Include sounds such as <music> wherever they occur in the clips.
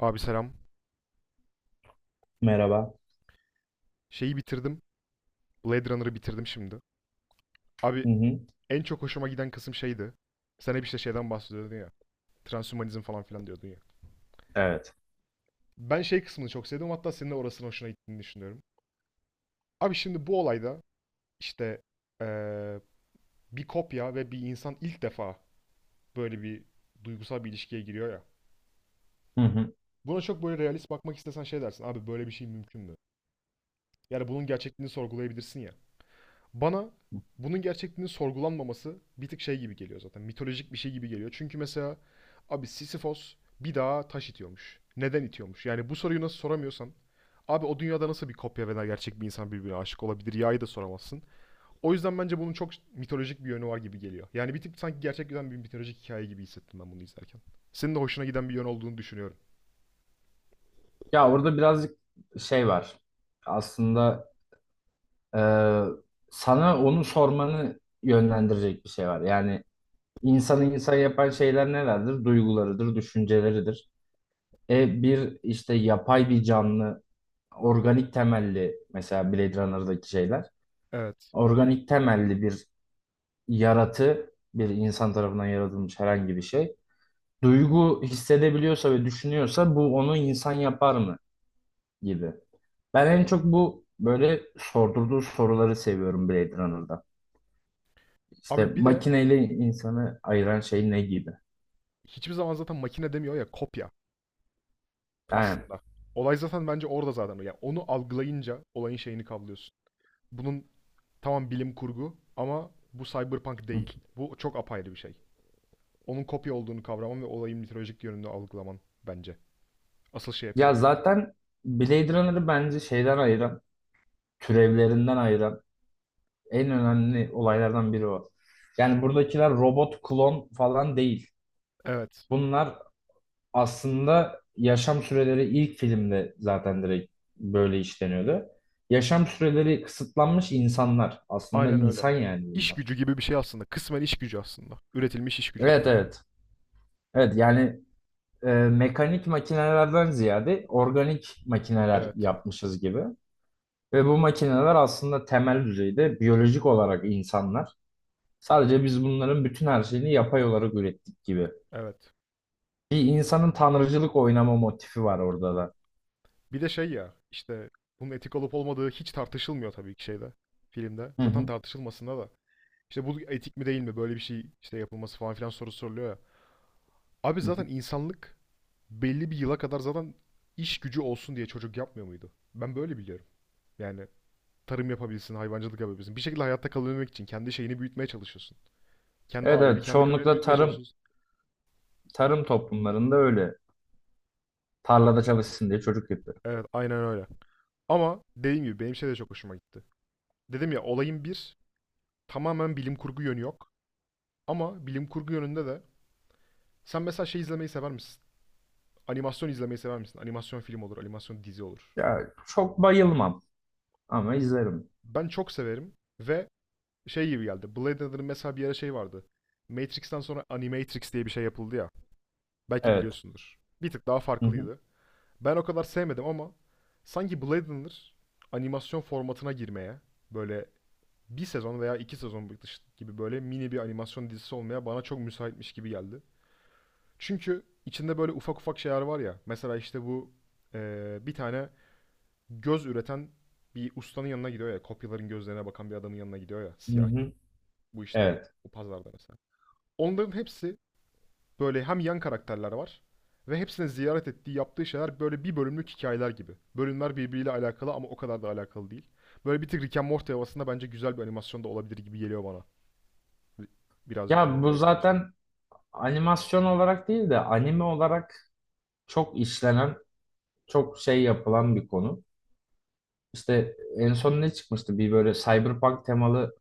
Abi selam. Merhaba. Şeyi bitirdim. Blade Runner'ı bitirdim şimdi. Hı Abi hı. en çok hoşuma giden kısım şeydi. Sen hep işte şeyden bahsediyordun ya. Transhumanizm falan filan diyordun ya. Evet. Ben şey kısmını çok sevdim. Hatta senin de orasının hoşuna gittiğini düşünüyorum. Abi şimdi bu olayda işte eee, bir kopya ve bir insan ilk defa böyle bir duygusal bir ilişkiye giriyor ya. Hı hı. Buna çok böyle realist bakmak istesen şey dersin. Abi böyle bir şey mümkün mü? Yani bunun gerçekliğini sorgulayabilirsin ya. Bana bunun gerçekliğinin sorgulanmaması bir tık şey gibi geliyor zaten. Mitolojik bir şey gibi geliyor. Çünkü mesela abi Sisyphos bir dağa taş itiyormuş. Neden itiyormuş? Yani bu soruyu nasıl soramıyorsan abi o dünyada nasıl bir kopya veya gerçek bir insan birbirine aşık olabilir? Ya'yı da soramazsın. O yüzden bence bunun çok mitolojik bir yönü var gibi geliyor. Yani bir tık sanki gerçek giden bir mitolojik hikaye gibi hissettim ben bunu izlerken. Senin de hoşuna giden bir yön olduğunu düşünüyorum. Ya orada birazcık şey var. Aslında e, sana onu sormanı yönlendirecek bir şey var. Yani insanı insan yapan şeyler nelerdir? Duygularıdır, düşünceleridir. Bir işte yapay bir canlı, organik temelli mesela Blade Runner'daki şeyler. Evet. Organik temelli bir yaratı, bir insan tarafından yaratılmış herhangi bir şey. Duygu hissedebiliyorsa ve düşünüyorsa bu onu insan yapar mı gibi. Ben en çok bu böyle sordurduğu soruları seviyorum Blade Runner'da. İşte Abi bir de makineyle insanı ayıran şey ne gibi? hiçbir zaman zaten makine demiyor ya kopya. Yani Aslında. Olay zaten bence orada zaten. Yani onu algılayınca olayın şeyini kavrıyorsun. Bunun tamam bilim kurgu ama bu cyberpunk değil. Bu çok apayrı bir şey. Onun kopya olduğunu kavraman ve olayın mitolojik yönünü algılaman bence. Asıl şey yapıyor ya bunu. zaten Blade Runner'ı bence şeyden ayıran, türevlerinden ayıran en önemli olaylardan biri o. Yani buradakiler robot, klon falan değil. Evet. Bunlar aslında yaşam süreleri ilk filmde zaten direkt böyle işleniyordu. Yaşam süreleri kısıtlanmış insanlar. Aslında Aynen öyle. insan yani İş bunlar. gücü gibi bir şey aslında. Kısmen iş gücü aslında. Üretilmiş iş gücü. Evet, evet. Evet yani mekanik makinelerden ziyade organik makineler Evet. yapmışız gibi. Ve bu makineler aslında temel düzeyde biyolojik olarak insanlar. Sadece biz bunların bütün her şeyini yapay olarak ürettik gibi. Evet. Bir insanın tanrıcılık oynama motifi var orada da. Bir de şey ya işte bunun etik olup olmadığı hiç tartışılmıyor tabii ki şeyde. Filmde. Hı Zaten hı. tartışılmasında da. İşte bu etik mi değil mi böyle bir şey işte yapılması falan filan soru soruluyor ya. Abi Hı hı. zaten insanlık belli bir yıla kadar zaten iş gücü olsun diye çocuk yapmıyor muydu? Ben böyle biliyorum. Yani tarım yapabilsin, hayvancılık yapabilsin. Bir şekilde hayatta kalabilmek için kendi şeyini büyütmeye çalışıyorsun. Kendi Evet aileni, evet kendi kabileni çoğunlukla büyütmeye tarım çalışıyorsun. tarım toplumlarında öyle. Tarlada çalışsın diye çocuk yapıyor. Evet, aynen öyle. Ama dediğim gibi benim şey de çok hoşuma gitti. Dedim ya olayın bir tamamen bilim kurgu yönü yok. Ama bilim kurgu yönünde de sen mesela şey izlemeyi sever misin? Animasyon izlemeyi sever misin? Animasyon film olur, animasyon dizi olur. Ya çok bayılmam ama izlerim. Ben çok severim ve şey gibi geldi. Blade Runner'ın mesela bir ara şey vardı. Matrix'ten sonra Animatrix diye bir şey yapıldı ya. Belki Evet. biliyorsundur. Bir tık daha Hı hı. farklıydı. Ben o kadar sevmedim ama sanki Blade Runner animasyon formatına girmeye böyle bir sezon veya iki sezon gibi böyle mini bir animasyon dizisi olmaya bana çok müsaitmiş gibi geldi. Çünkü içinde böyle ufak ufak şeyler var ya. Mesela işte bu bir tane göz üreten bir ustanın yanına gidiyor ya. Kopyaların gözlerine bakan bir adamın yanına gidiyor ya. Hı Siyah hı. bu işte Evet. bu pazarda mesela. Onların hepsi böyle hem yan karakterler var ve hepsine ziyaret ettiği yaptığı şeyler böyle bir bölümlük hikayeler gibi. Bölümler birbiriyle alakalı ama o kadar da alakalı değil. Böyle bir tık Rick and Morty havasında bence güzel bir animasyon da olabilir gibi geliyor bana. Birazcık Ya böyle bu Blade Runner. zaten animasyon olarak değil de anime olarak çok işlenen, çok şey yapılan bir konu. İşte en son ne çıkmıştı? Bir böyle Cyberpunk temalı.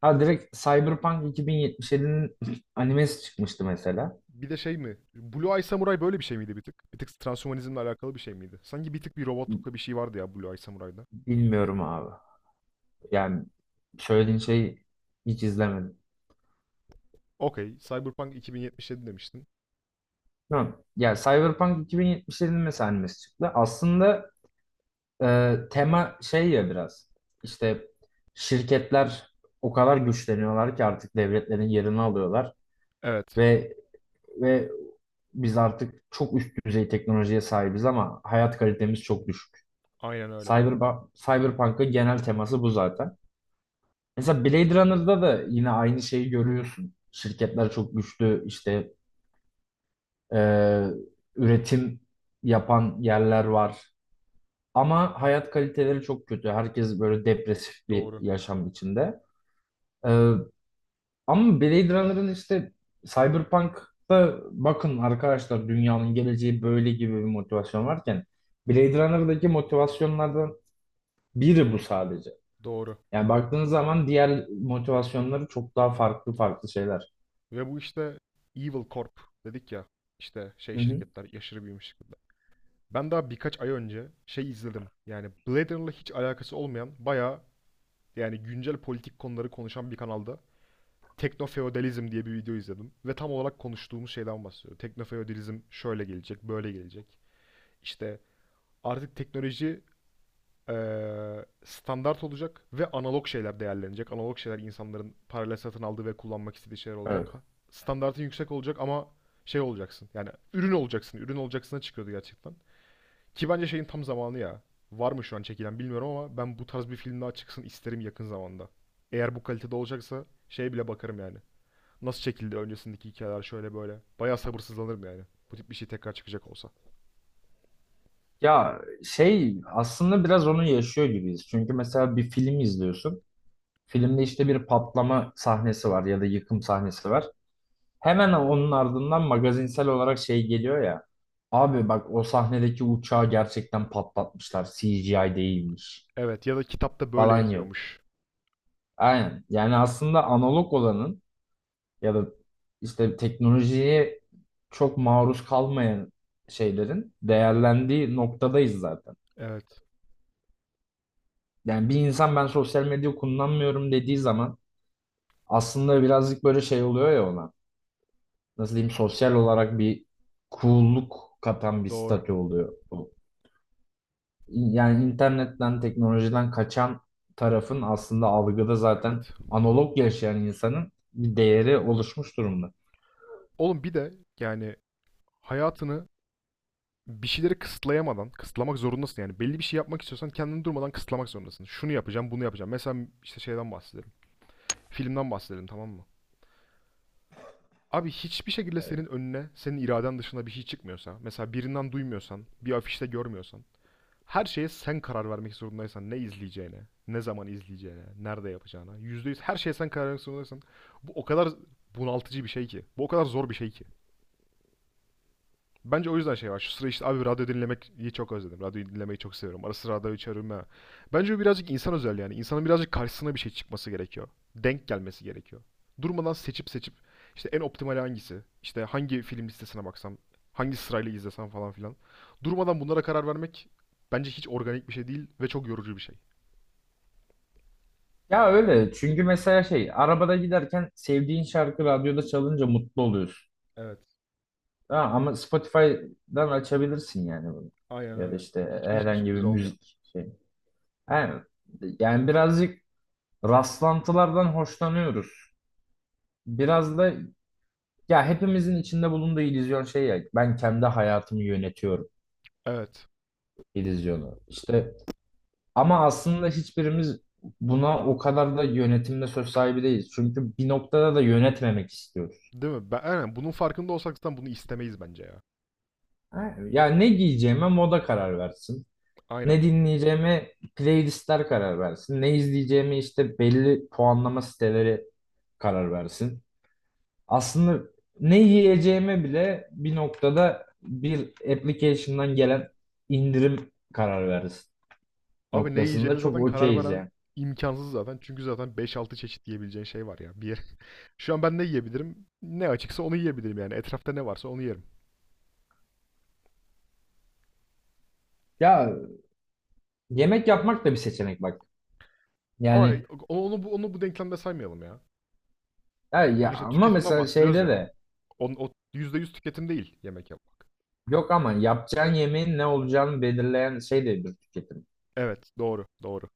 Ha direkt Cyberpunk 2077'nin <laughs> animesi çıkmıştı mesela. Bir de şey mi? Blue Eye Samurai böyle bir şey miydi bir tık? Bir tık transhumanizmle alakalı bir şey miydi? Sanki bir tık bir robotlukla bir şey vardı ya Blue Eye Samurai'da. Bilmiyorum abi. Yani söylediğin şeyi hiç izlemedim. Okey. Cyberpunk 2077 demiştin. Tamam. Ya Cyberpunk 2077'nin mesela animesi çıktı. Aslında tema şey ya biraz. İşte şirketler o kadar güçleniyorlar ki artık devletlerin yerini alıyorlar Evet. ve ve biz artık çok üst düzey teknolojiye sahibiz ama hayat kalitemiz çok düşük. Aynen öyle. Cyberpunk'ın genel teması bu zaten. Mesela Blade Runner'da da yine aynı şeyi görüyorsun. Şirketler çok güçlü işte e, üretim yapan yerler var. Ama hayat kaliteleri çok kötü. Herkes böyle depresif bir Doğru. yaşam içinde. E, Ama Blade Runner'ın işte Cyberpunk'ta bakın arkadaşlar dünyanın geleceği böyle gibi bir motivasyon varken Blade Runner'daki motivasyonlardan biri bu sadece. Doğru. Yani baktığınız zaman diğer motivasyonları çok daha farklı farklı şeyler. Ve bu işte Evil Corp dedik ya işte şey Hı hı. şirketler aşırı büyümüş şirketler. Ben daha birkaç ay önce şey izledim. Yani Blade Runner'la hiç alakası olmayan bayağı yani güncel politik konuları konuşan bir kanalda Teknofeodalizm diye bir video izledim. Ve tam olarak konuştuğumuz şeyden bahsediyor. Teknofeodalizm şöyle gelecek, böyle gelecek. İşte artık teknoloji standart olacak ve analog şeyler değerlenecek. Analog şeyler insanların parayla satın aldığı ve kullanmak istediği şeyler olacak. Evet. Standartın yüksek olacak ama şey olacaksın. Yani ürün olacaksın. Ürün olacaksına çıkıyordu gerçekten. Ki bence şeyin tam zamanı ya. Var mı şu an çekilen bilmiyorum ama ben bu tarz bir film daha çıksın isterim yakın zamanda. Eğer bu kalitede olacaksa şeye bile bakarım yani. Nasıl çekildi öncesindeki hikayeler şöyle böyle. Bayağı sabırsızlanırım yani. Bu tip bir şey tekrar çıkacak olsa. Ya şey aslında biraz onu yaşıyor gibiyiz. Çünkü mesela bir film izliyorsun. Filmde işte bir patlama sahnesi var ya da yıkım sahnesi var. Hemen onun ardından magazinsel olarak şey geliyor ya. Abi bak o sahnedeki uçağı gerçekten patlatmışlar. CGI değilmiş Evet ya da kitapta böyle falan yok. yazıyormuş. Aynen. Yani aslında analog olanın ya da işte teknolojiye çok maruz kalmayan şeylerin değerlendiği noktadayız zaten. Evet. Yani bir insan ben sosyal medya kullanmıyorum dediği zaman aslında birazcık böyle şey oluyor ya ona. Nasıl diyeyim, sosyal olarak bir coolluk katan bir Doğru. statü oluyor. Yani internetten, teknolojiden kaçan tarafın aslında algıda zaten Evet. analog yaşayan insanın bir değeri oluşmuş durumda. Oğlum bir de yani hayatını bir şeyleri kısıtlayamadan, kısıtlamak zorundasın yani. Belli bir şey yapmak istiyorsan kendini durmadan kısıtlamak zorundasın. Şunu yapacağım, bunu yapacağım. Mesela işte şeyden bahsedelim. Filmden bahsedelim tamam mı? Abi hiçbir şekilde Evet. senin önüne, senin iraden dışında bir şey çıkmıyorsa, mesela birinden duymuyorsan, bir afişte görmüyorsan, her şeye sen karar vermek zorundaysan ne izleyeceğine, ne zaman izleyeceğine, nerede yapacağına, %100 her şeye sen karar vermek zorundaysan bu o kadar bunaltıcı bir şey ki. Bu o kadar zor bir şey ki. Bence o yüzden şey var. Şu sıra işte abi radyo dinlemeyi çok özledim. Radyo dinlemeyi çok seviyorum. Ara sıra radyo açarım ha. Bence bu birazcık insan özel yani. İnsanın birazcık karşısına bir şey çıkması gerekiyor. Denk gelmesi gerekiyor. Durmadan seçip seçip işte en optimal hangisi? İşte hangi film listesine baksam? Hangi sırayla izlesem falan filan. Durmadan bunlara karar vermek bence hiç organik bir şey değil ve çok yorucu bir şey. Ya öyle, çünkü mesela şey, arabada giderken sevdiğin şarkı radyoda çalınca mutlu oluyorsun. Evet. Ha, ama Spotify'dan açabilirsin yani bunu. Aynen Ya da öyle. işte Hiçbir herhangi bir sürpriz olmuyor. müzik şey. Yani, yani birazcık rastlantılardan hoşlanıyoruz. Biraz da ya hepimizin içinde bulunduğu illüzyon şey, ya ben kendi hayatımı yönetiyorum. Evet. İllüzyonu. İşte ama aslında hiçbirimiz buna o kadar da yönetimde söz sahibi değiliz. Çünkü bir noktada da yönetmemek istiyoruz. Değil mi? Ben, aynen bunun farkında olsak zaten bunu istemeyiz bence ya. Ha, yani ne giyeceğime moda karar versin. Ne Aynen. dinleyeceğime playlistler karar versin. Ne izleyeceğime işte belli puanlama siteleri karar versin. Aslında ne yiyeceğime bile bir noktada bir application'dan gelen indirim karar versin Abi ne yiyeceğine noktasında çok zaten karar okeyiz veren yani. imkansız zaten. Çünkü zaten beş altı çeşit yiyebileceğin şey var ya. Bir yer. <laughs> Şu an ben ne yiyebilirim? Ne açıksa onu yiyebilirim yani. Etrafta ne varsa onu yerim. Ya, yemek yapmak da bir seçenek bak. Ama Yani onu bu denklemde saymayalım ya. ya, Şu ya an işte ama tüketimden mesela bahsediyoruz şeyde ya. de, O %100 tüketim değil yemek yapmak. yok ama yapacağın yemeğin ne olacağını belirleyen şey de bir tüketim. Evet, doğru, doğru,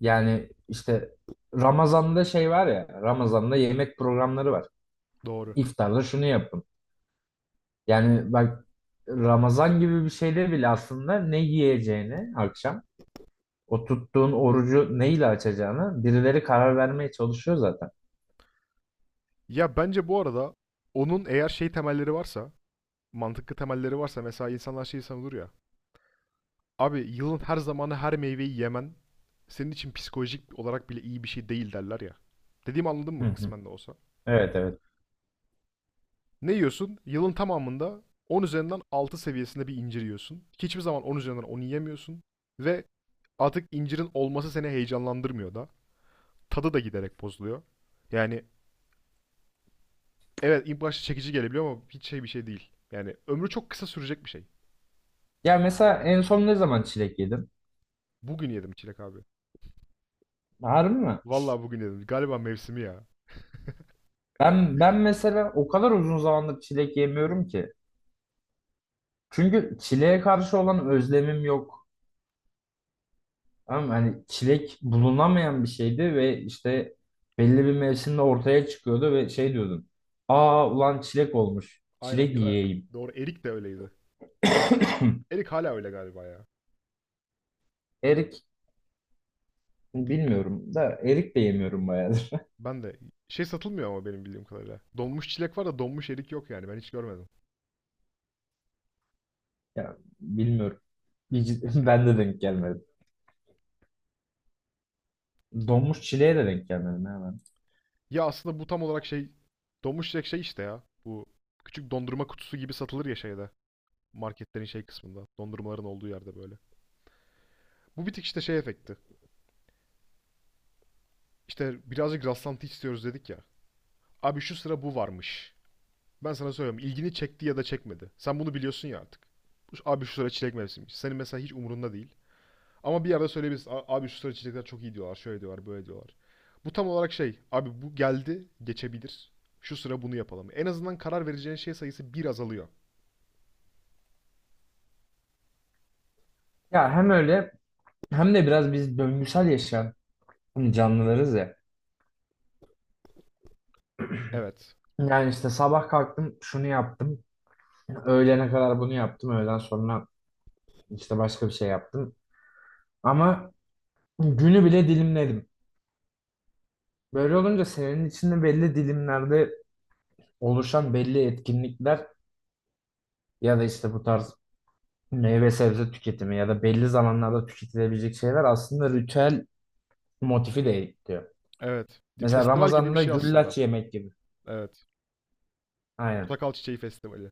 Yani işte Ramazan'da şey var ya, Ramazan'da yemek programları var. doğru. İftarda şunu yapın. Yani bak, Ramazan gibi bir şeyde bile aslında ne yiyeceğini akşam, o tuttuğun orucu neyle açacağını birileri karar vermeye çalışıyor zaten. Ya bence bu arada onun eğer şey temelleri varsa, mantıklı temelleri varsa mesela insanlar şeyi savunur ya. Abi yılın her zamanı her meyveyi yemen senin için psikolojik olarak bile iyi bir şey değil derler ya. Dediğimi anladın Hı mı hı. kısmen de olsa? Evet, evet. Ne yiyorsun? Yılın tamamında 10 üzerinden 6 seviyesinde bir incir yiyorsun. Hiçbir zaman 10 üzerinden 10 yiyemiyorsun. Ve artık incirin olması seni heyecanlandırmıyor da. Tadı da giderek bozuluyor. Yani evet ilk başta çekici gelebiliyor ama hiç şey bir şey değil. Yani ömrü çok kısa sürecek bir şey. Ya mesela en son ne zaman çilek yedin? Bugün yedim çilek abi. Harbi mi? Vallahi bugün yedim. Galiba mevsimi ya. <laughs> Ben mesela o kadar uzun zamandır çilek yemiyorum ki. Çünkü çileğe karşı olan özlemim yok. Ama hani çilek bulunamayan bir şeydi ve işte belli bir mevsimde ortaya çıkıyordu ve şey diyordum. Aa ulan çilek olmuş. Aynen Çilek ya da yiyeyim. doğru erik de öyleydi. <coughs> Erik hala öyle galiba ya. <clears throat> Erik bilmiyorum da, erik de yemiyorum bayağıdır. <laughs> Ben de şey satılmıyor ama benim bildiğim kadarıyla. Donmuş çilek var da donmuş erik yok yani ben hiç görmedim. Ya bilmiyorum. <laughs> Ben de denk gelmedim. Donmuş çileğe de denk gelmedim hemen. Ya aslında bu tam olarak şey donmuş çilek şey işte ya. Bu küçük dondurma kutusu gibi satılır ya şeyde. Marketlerin şey kısmında. Dondurmaların olduğu yerde böyle. Bu bir tık işte şey efekti. İşte birazcık rastlantı istiyoruz dedik ya. Abi şu sıra bu varmış. Ben sana söylüyorum ilgini çekti ya da çekmedi. Sen bunu biliyorsun ya artık. Abi şu sıra çilek mevsimiymiş. Senin mesela hiç umurunda değil. Ama bir yerde söyleyebiliriz. Abi şu sıra içecekler çok iyi diyorlar. Şöyle diyorlar, böyle diyorlar. Bu tam olarak şey. Abi bu geldi, geçebilir. Şu sıra bunu yapalım. En azından karar vereceğin şey sayısı bir azalıyor. Ya hem öyle hem de biraz biz döngüsel yaşayan, hani, canlılarız ya. Evet. Yani işte sabah kalktım şunu yaptım. Öğlene kadar bunu yaptım. Öğleden sonra işte başka bir şey yaptım. Ama günü bile dilimledim. Böyle olunca senin içinde belli dilimlerde oluşan belli etkinlikler ya da işte bu tarz meyve sebze tüketimi ya da belli zamanlarda tüketilebilecek şeyler aslında ritüel motifi de ekliyor. Evet. Mesela Festival gibi bir Ramazan'da şey aslında. güllaç yemek gibi. Evet. Aynen. Portakal Çiçeği Festivali.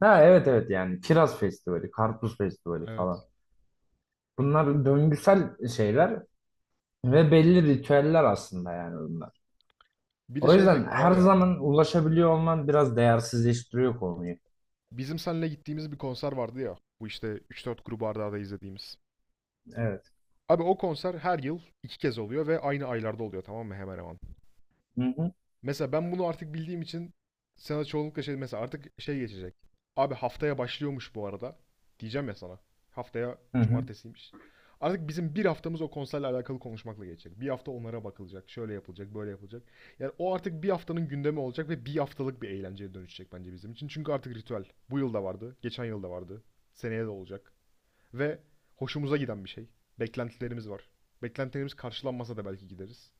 Ha, evet evet, yani kiraz festivali, karpuz festivali falan. Evet. Bunlar döngüsel şeyler ve belli ritüeller aslında yani bunlar. Bir de O şey yüzden efekti var her ya. zaman ulaşabiliyor olman biraz değersizleştiriyor konuyu. Bizim seninle gittiğimiz bir konser vardı ya. Bu işte üç dört grubu arda arda izlediğimiz. Evet. Abi o konser her yıl iki kez oluyor ve aynı aylarda oluyor tamam mı hemen hemen. Hı hı. Mesela ben bunu artık bildiğim için sana çoğunlukla şey mesela artık şey geçecek. Abi haftaya başlıyormuş bu arada. Diyeceğim ya sana. Haftaya Hı hı. cumartesiymiş. Artık bizim bir haftamız o konserle alakalı konuşmakla geçecek. Bir hafta onlara bakılacak. Şöyle yapılacak, böyle yapılacak. Yani o artık bir haftanın gündemi olacak ve bir haftalık bir eğlenceye dönüşecek bence bizim için. Çünkü artık ritüel. Bu yıl da vardı, geçen yıl da vardı. Seneye de olacak. Ve hoşumuza giden bir şey. Beklentilerimiz var. Beklentilerimiz karşılanmasa da belki gideriz.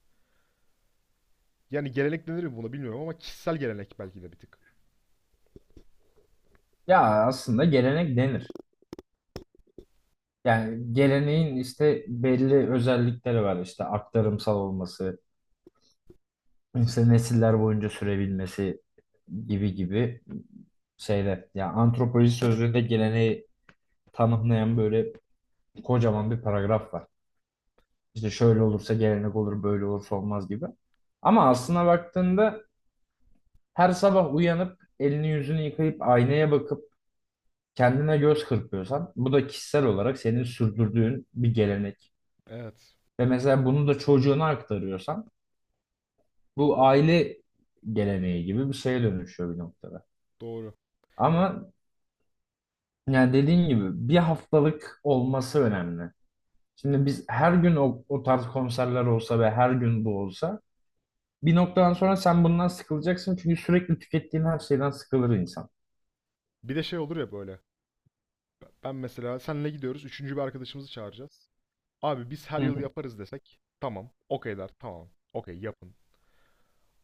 Yani gelenek denir mi buna bilmiyorum ama kişisel gelenek belki de bir tık. Ya aslında gelenek denir. Yani geleneğin işte belli özellikleri var. İşte aktarımsal olması, işte nesiller boyunca sürebilmesi gibi gibi şeyler. Ya antropoloji sözlüğünde geleneği tanımlayan böyle kocaman bir paragraf var. İşte şöyle olursa gelenek olur, böyle olursa olmaz gibi. Ama aslına baktığında, her sabah uyanıp elini yüzünü yıkayıp aynaya bakıp kendine göz kırpıyorsan bu da kişisel olarak senin sürdürdüğün bir gelenek. Evet, Ve mesela bunu da çocuğuna aktarıyorsan bu aile geleneği gibi bir şeye dönüşüyor bir noktada. doğru. Ama yani dediğin gibi bir haftalık olması önemli. Şimdi biz her gün o tarz konserler olsa ve her gün bu olsa bir noktadan sonra sen bundan sıkılacaksın, çünkü sürekli tükettiğin her şeyden sıkılır insan. Bir de şey olur ya böyle. Ben mesela senle gidiyoruz, üçüncü bir arkadaşımızı çağıracağız. Abi biz her Hı yıl hı. yaparız desek, tamam, okey der, tamam, okey yapın.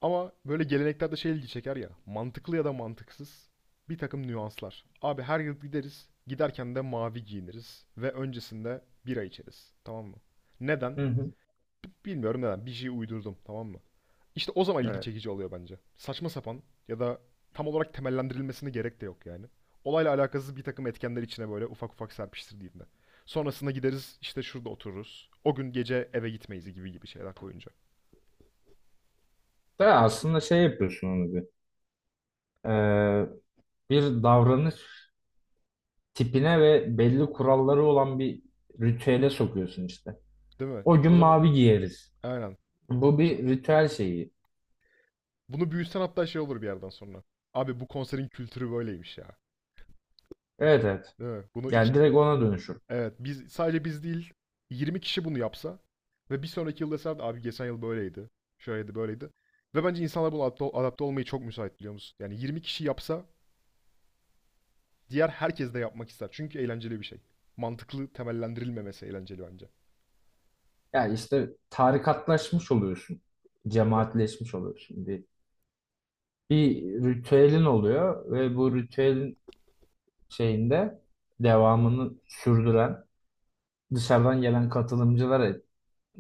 Ama böyle geleneklerde şey ilgi çeker ya, mantıklı ya da mantıksız bir takım nüanslar. Abi her yıl gideriz, giderken de mavi giyiniriz ve öncesinde bira içeriz, tamam mı? Neden? Hı hı. Bilmiyorum neden. Bir şey uydurdum tamam mı? İşte o zaman ilgi Evet. çekici oluyor bence. Saçma sapan ya da tam olarak temellendirilmesine gerek de yok yani. Olayla alakasız bir takım etkenler içine böyle ufak ufak serpiştirdiğinde. Sonrasında gideriz işte şurada otururuz. O gün gece eve gitmeyiz gibi gibi şeyler koyunca. Da aslında şey yapıyorsun onu, e, bir davranış tipine ve belli kuralları olan bir ritüele sokuyorsun işte. Değil mi? O gün O zaman mavi giyeriz. aynen. Bu bir İşte ritüel şeyi. bunu büyütsen hatta şey olur bir yerden sonra. Abi bu konserin kültürü böyleymiş ya. Evet, evet. Değil mi? Bunu. Yani direkt ona dönüşür. Evet, biz sadece biz değil, 20 kişi bunu yapsa ve bir sonraki yıl deseler abi geçen yıl böyleydi. Şöyleydi böyleydi. Ve bence insanlar buna adapte olmayı çok müsait biliyor musun? Yani 20 kişi yapsa diğer herkes de yapmak ister. Çünkü eğlenceli bir şey. Mantıklı temellendirilmemesi eğlenceli bence. Yani işte tarikatlaşmış oluyorsun. Doğru. Cemaatleşmiş oluyorsun. Bir ritüelin oluyor ve bu ritüelin şeyinde devamını sürdüren dışarıdan gelen katılımcılar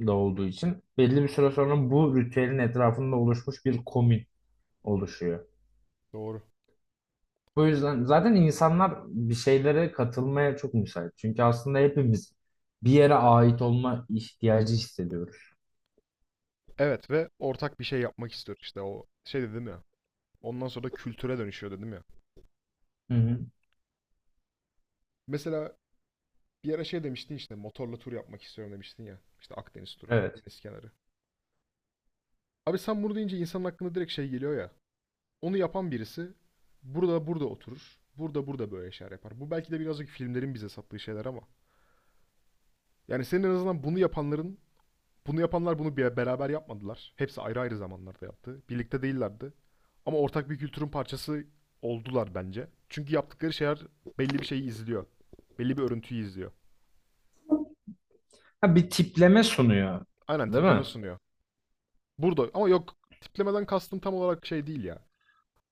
da olduğu için belli bir süre sonra bu ritüelin etrafında oluşmuş bir komün oluşuyor. Doğru. Bu yüzden zaten insanlar bir şeylere katılmaya çok müsait. Çünkü aslında hepimiz bir yere ait olma ihtiyacı hissediyoruz. Evet ve ortak bir şey yapmak istiyor işte o şey dedim ya. Ondan sonra da kültüre dönüşüyor dedim ya. Hı hı. Mesela bir ara şey demiştin işte motorla tur yapmak istiyorum demiştin ya. İşte Akdeniz turu, Evet. deniz kenarı. Abi sen bunu deyince insanın aklına direkt şey geliyor ya. Onu yapan birisi burada burada oturur. Burada burada böyle şeyler yapar. Bu belki de birazcık filmlerin bize sattığı şeyler ama. Yani senin en azından bunu yapanların, bunu yapanlar bunu bir beraber yapmadılar. Hepsi ayrı ayrı zamanlarda yaptı. Birlikte değillerdi. Ama ortak bir kültürün parçası oldular bence. Çünkü yaptıkları şeyler belli bir şeyi izliyor. Belli bir örüntüyü izliyor. Ha, bir tipleme sunuyor, Aynen değil tipleme mi? sunuyor. Burada ama yok tiplemeden kastım tam olarak şey değil ya.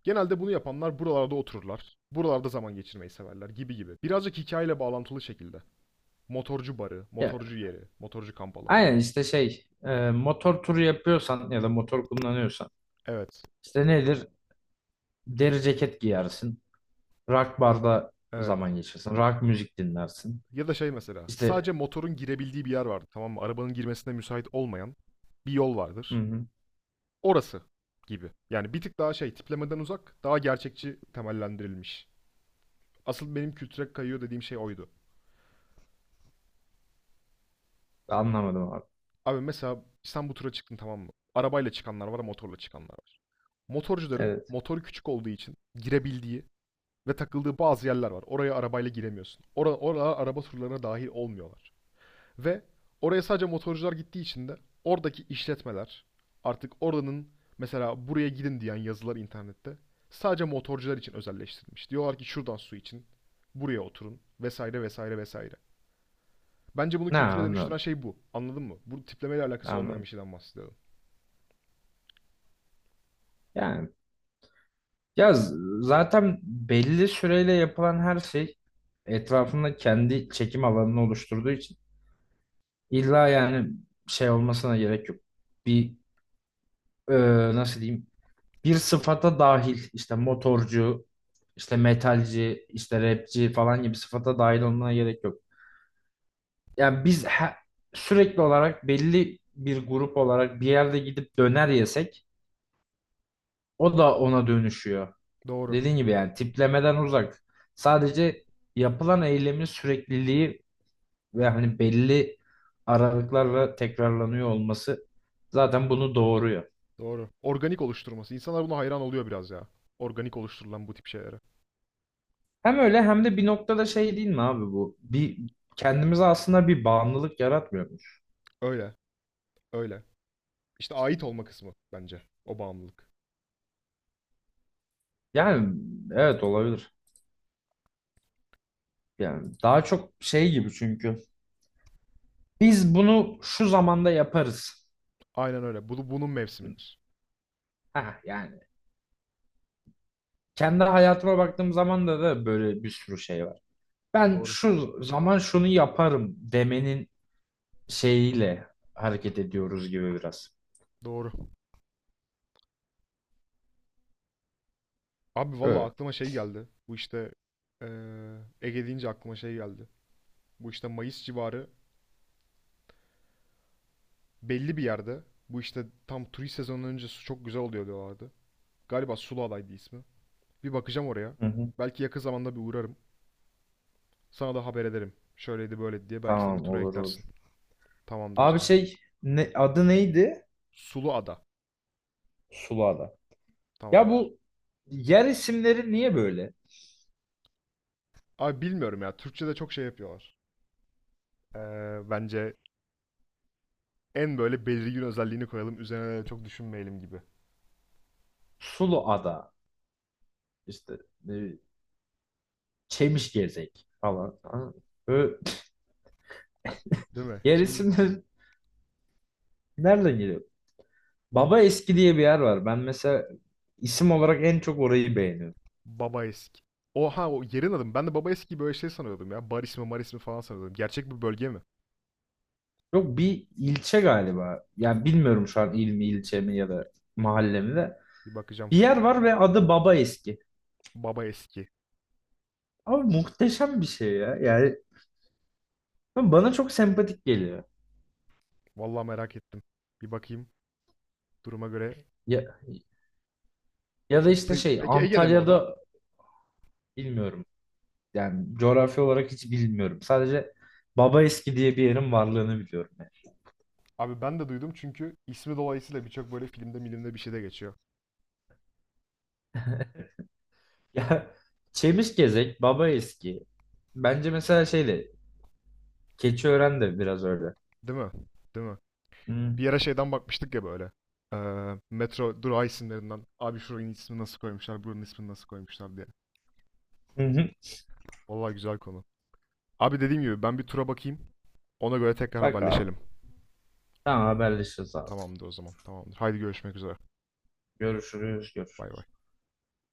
Genelde bunu yapanlar buralarda otururlar. Buralarda zaman geçirmeyi severler gibi gibi. Birazcık hikayeyle bağlantılı şekilde. Motorcu barı, Ya, motorcu yeri, motorcu kamp alanı. aynen işte şey, motor turu yapıyorsan ya da motor kullanıyorsan Evet, işte nedir? Deri ceket giyersin, rock barda evet. zaman geçirsin, rock müzik dinlersin. Ya da şey mesela, sadece İşte. motorun girebildiği bir yer vardır. Tamam mı? Arabanın girmesine müsait olmayan bir yol Hı vardır. hı. Orası gibi. Yani bir tık daha şey, tiplemeden uzak, daha gerçekçi temellendirilmiş. Asıl benim kültüre kayıyor dediğim şey oydu. Anlamadım abi. Abi mesela İstanbul tura çıktın tamam mı? Arabayla çıkanlar var, motorla çıkanlar var. Motorcuların Evet. motoru küçük olduğu için girebildiği ve takıldığı bazı yerler var. Oraya arabayla giremiyorsun. Oraya araba turlarına dahil olmuyorlar. Ve oraya sadece motorcular gittiği için de oradaki işletmeler artık oranın mesela buraya gidin diyen yazılar internette sadece motorcular için özelleştirilmiş. Diyorlar ki şuradan su için buraya oturun vesaire vesaire vesaire. Bence bunu Ne kültüre dönüştüren anladım, şey bu. Anladın mı? Bu tiplemeyle alakası olmayan bir anladım. şeyden bahsediyorum. Yani, ya zaten belli süreyle yapılan her şey etrafında kendi çekim alanını oluşturduğu için illa yani şey olmasına gerek yok. Bir, e, nasıl diyeyim, bir sıfata dahil işte motorcu, işte metalci, işte rapçi falan gibi sıfata dahil olmana gerek yok. Yani biz sürekli olarak belli bir grup olarak bir yerde gidip döner yesek o da ona dönüşüyor. Doğru. Dediğin gibi yani tiplemeden uzak. Sadece yapılan eylemin sürekliliği ve hani belli aralıklarla tekrarlanıyor olması zaten bunu doğuruyor. Doğru. Organik oluşturması. İnsanlar buna hayran oluyor biraz ya. Organik oluşturulan bu tip şeylere. Hem öyle hem de bir noktada şey değil mi abi bu? Bir kendimize aslında bir bağımlılık yaratmıyormuş. Öyle. Öyle. İşte ait olma kısmı bence. O bağımlılık. Yani evet, olabilir. Yani daha çok şey gibi çünkü biz bunu şu zamanda yaparız. Aynen öyle. Bunun mevsimidir. Ha yani, kendi hayatıma baktığım zaman da böyle bir sürü şey var. Ben Doğru. şu zaman şunu yaparım demenin şeyiyle hareket ediyoruz gibi biraz. Doğru. Abi valla Evet. aklıma şey geldi. Bu işte eee Ege deyince aklıma şey geldi. Bu işte Mayıs civarı belli bir yerde. Bu işte tam turist sezonundan önce su çok güzel oluyor diyorlardı. Galiba Suluada'ydı ismi. Bir bakacağım oraya. Hı hı. Belki yakın zamanda bir uğrarım. Sana da haber ederim. Şöyleydi böyleydi diye. Belki sen de Tamam, tura olur eklersin. olur. Tamamdır o Abi zaman. şey ne, adı neydi? Suluada. Sulu Ada. Ya Tamamdır. bu yer isimleri niye böyle? Abi bilmiyorum ya. Türkçe'de çok şey yapıyorlar. Bence en böyle belirgin özelliğini koyalım. Üzerine de çok düşünmeyelim gibi. Sulu Ada işte, e, Çemişgezek falan. Ha, böyle Değil mi? yer Çevir- isimleri nereden geliyor? Baba Eski diye bir yer var. Ben mesela isim olarak en çok orayı beğeniyorum. Babaeski. Oha o yerin adı mı? Ben de Babaeski'yi böyle şey sanıyordum ya. Bar ismi, mar ismi falan sanıyordum. Gerçek bir bölge mi? Yok, bir ilçe galiba. Yani bilmiyorum şu an il mi ilçe mi ya da mahalle mi de. Bir bakacağım. Bir yer var ve adı Baba Eski. Babaeski. Abi muhteşem bir şey ya. Yani bana çok sempatik geliyor. Vallahi merak ettim. Bir bakayım duruma göre. Ya, ya da işte şey Peki Ege'de mi o da? Antalya'da, bilmiyorum. Yani coğrafya olarak hiç bilmiyorum. Sadece Baba Eski diye bir yerin varlığını biliyorum yani. Abi ben de duydum çünkü ismi dolayısıyla birçok böyle filmde milimde bir şeyde geçiyor. <laughs> Ya, Çemişgezek, Baba Eski. Bence mesela şey de, Keçiören de biraz öyle. Değil mi? Değil mi? Hı Bir yere şeyden bakmıştık ya böyle. Metro durağı isimlerinden. Abi şuranın ismini nasıl koymuşlar, buranın ismini nasıl koymuşlar diye. hı. Hı. Vallahi güzel konu. Abi dediğim gibi ben bir tura bakayım. Ona göre tekrar Bak abi. haberleşelim. Tamam, haberleşiriz abi. Tamamdır o zaman. Tamamdır. Haydi görüşmek üzere. Görüşürüz, Bay bay. görüşürüz.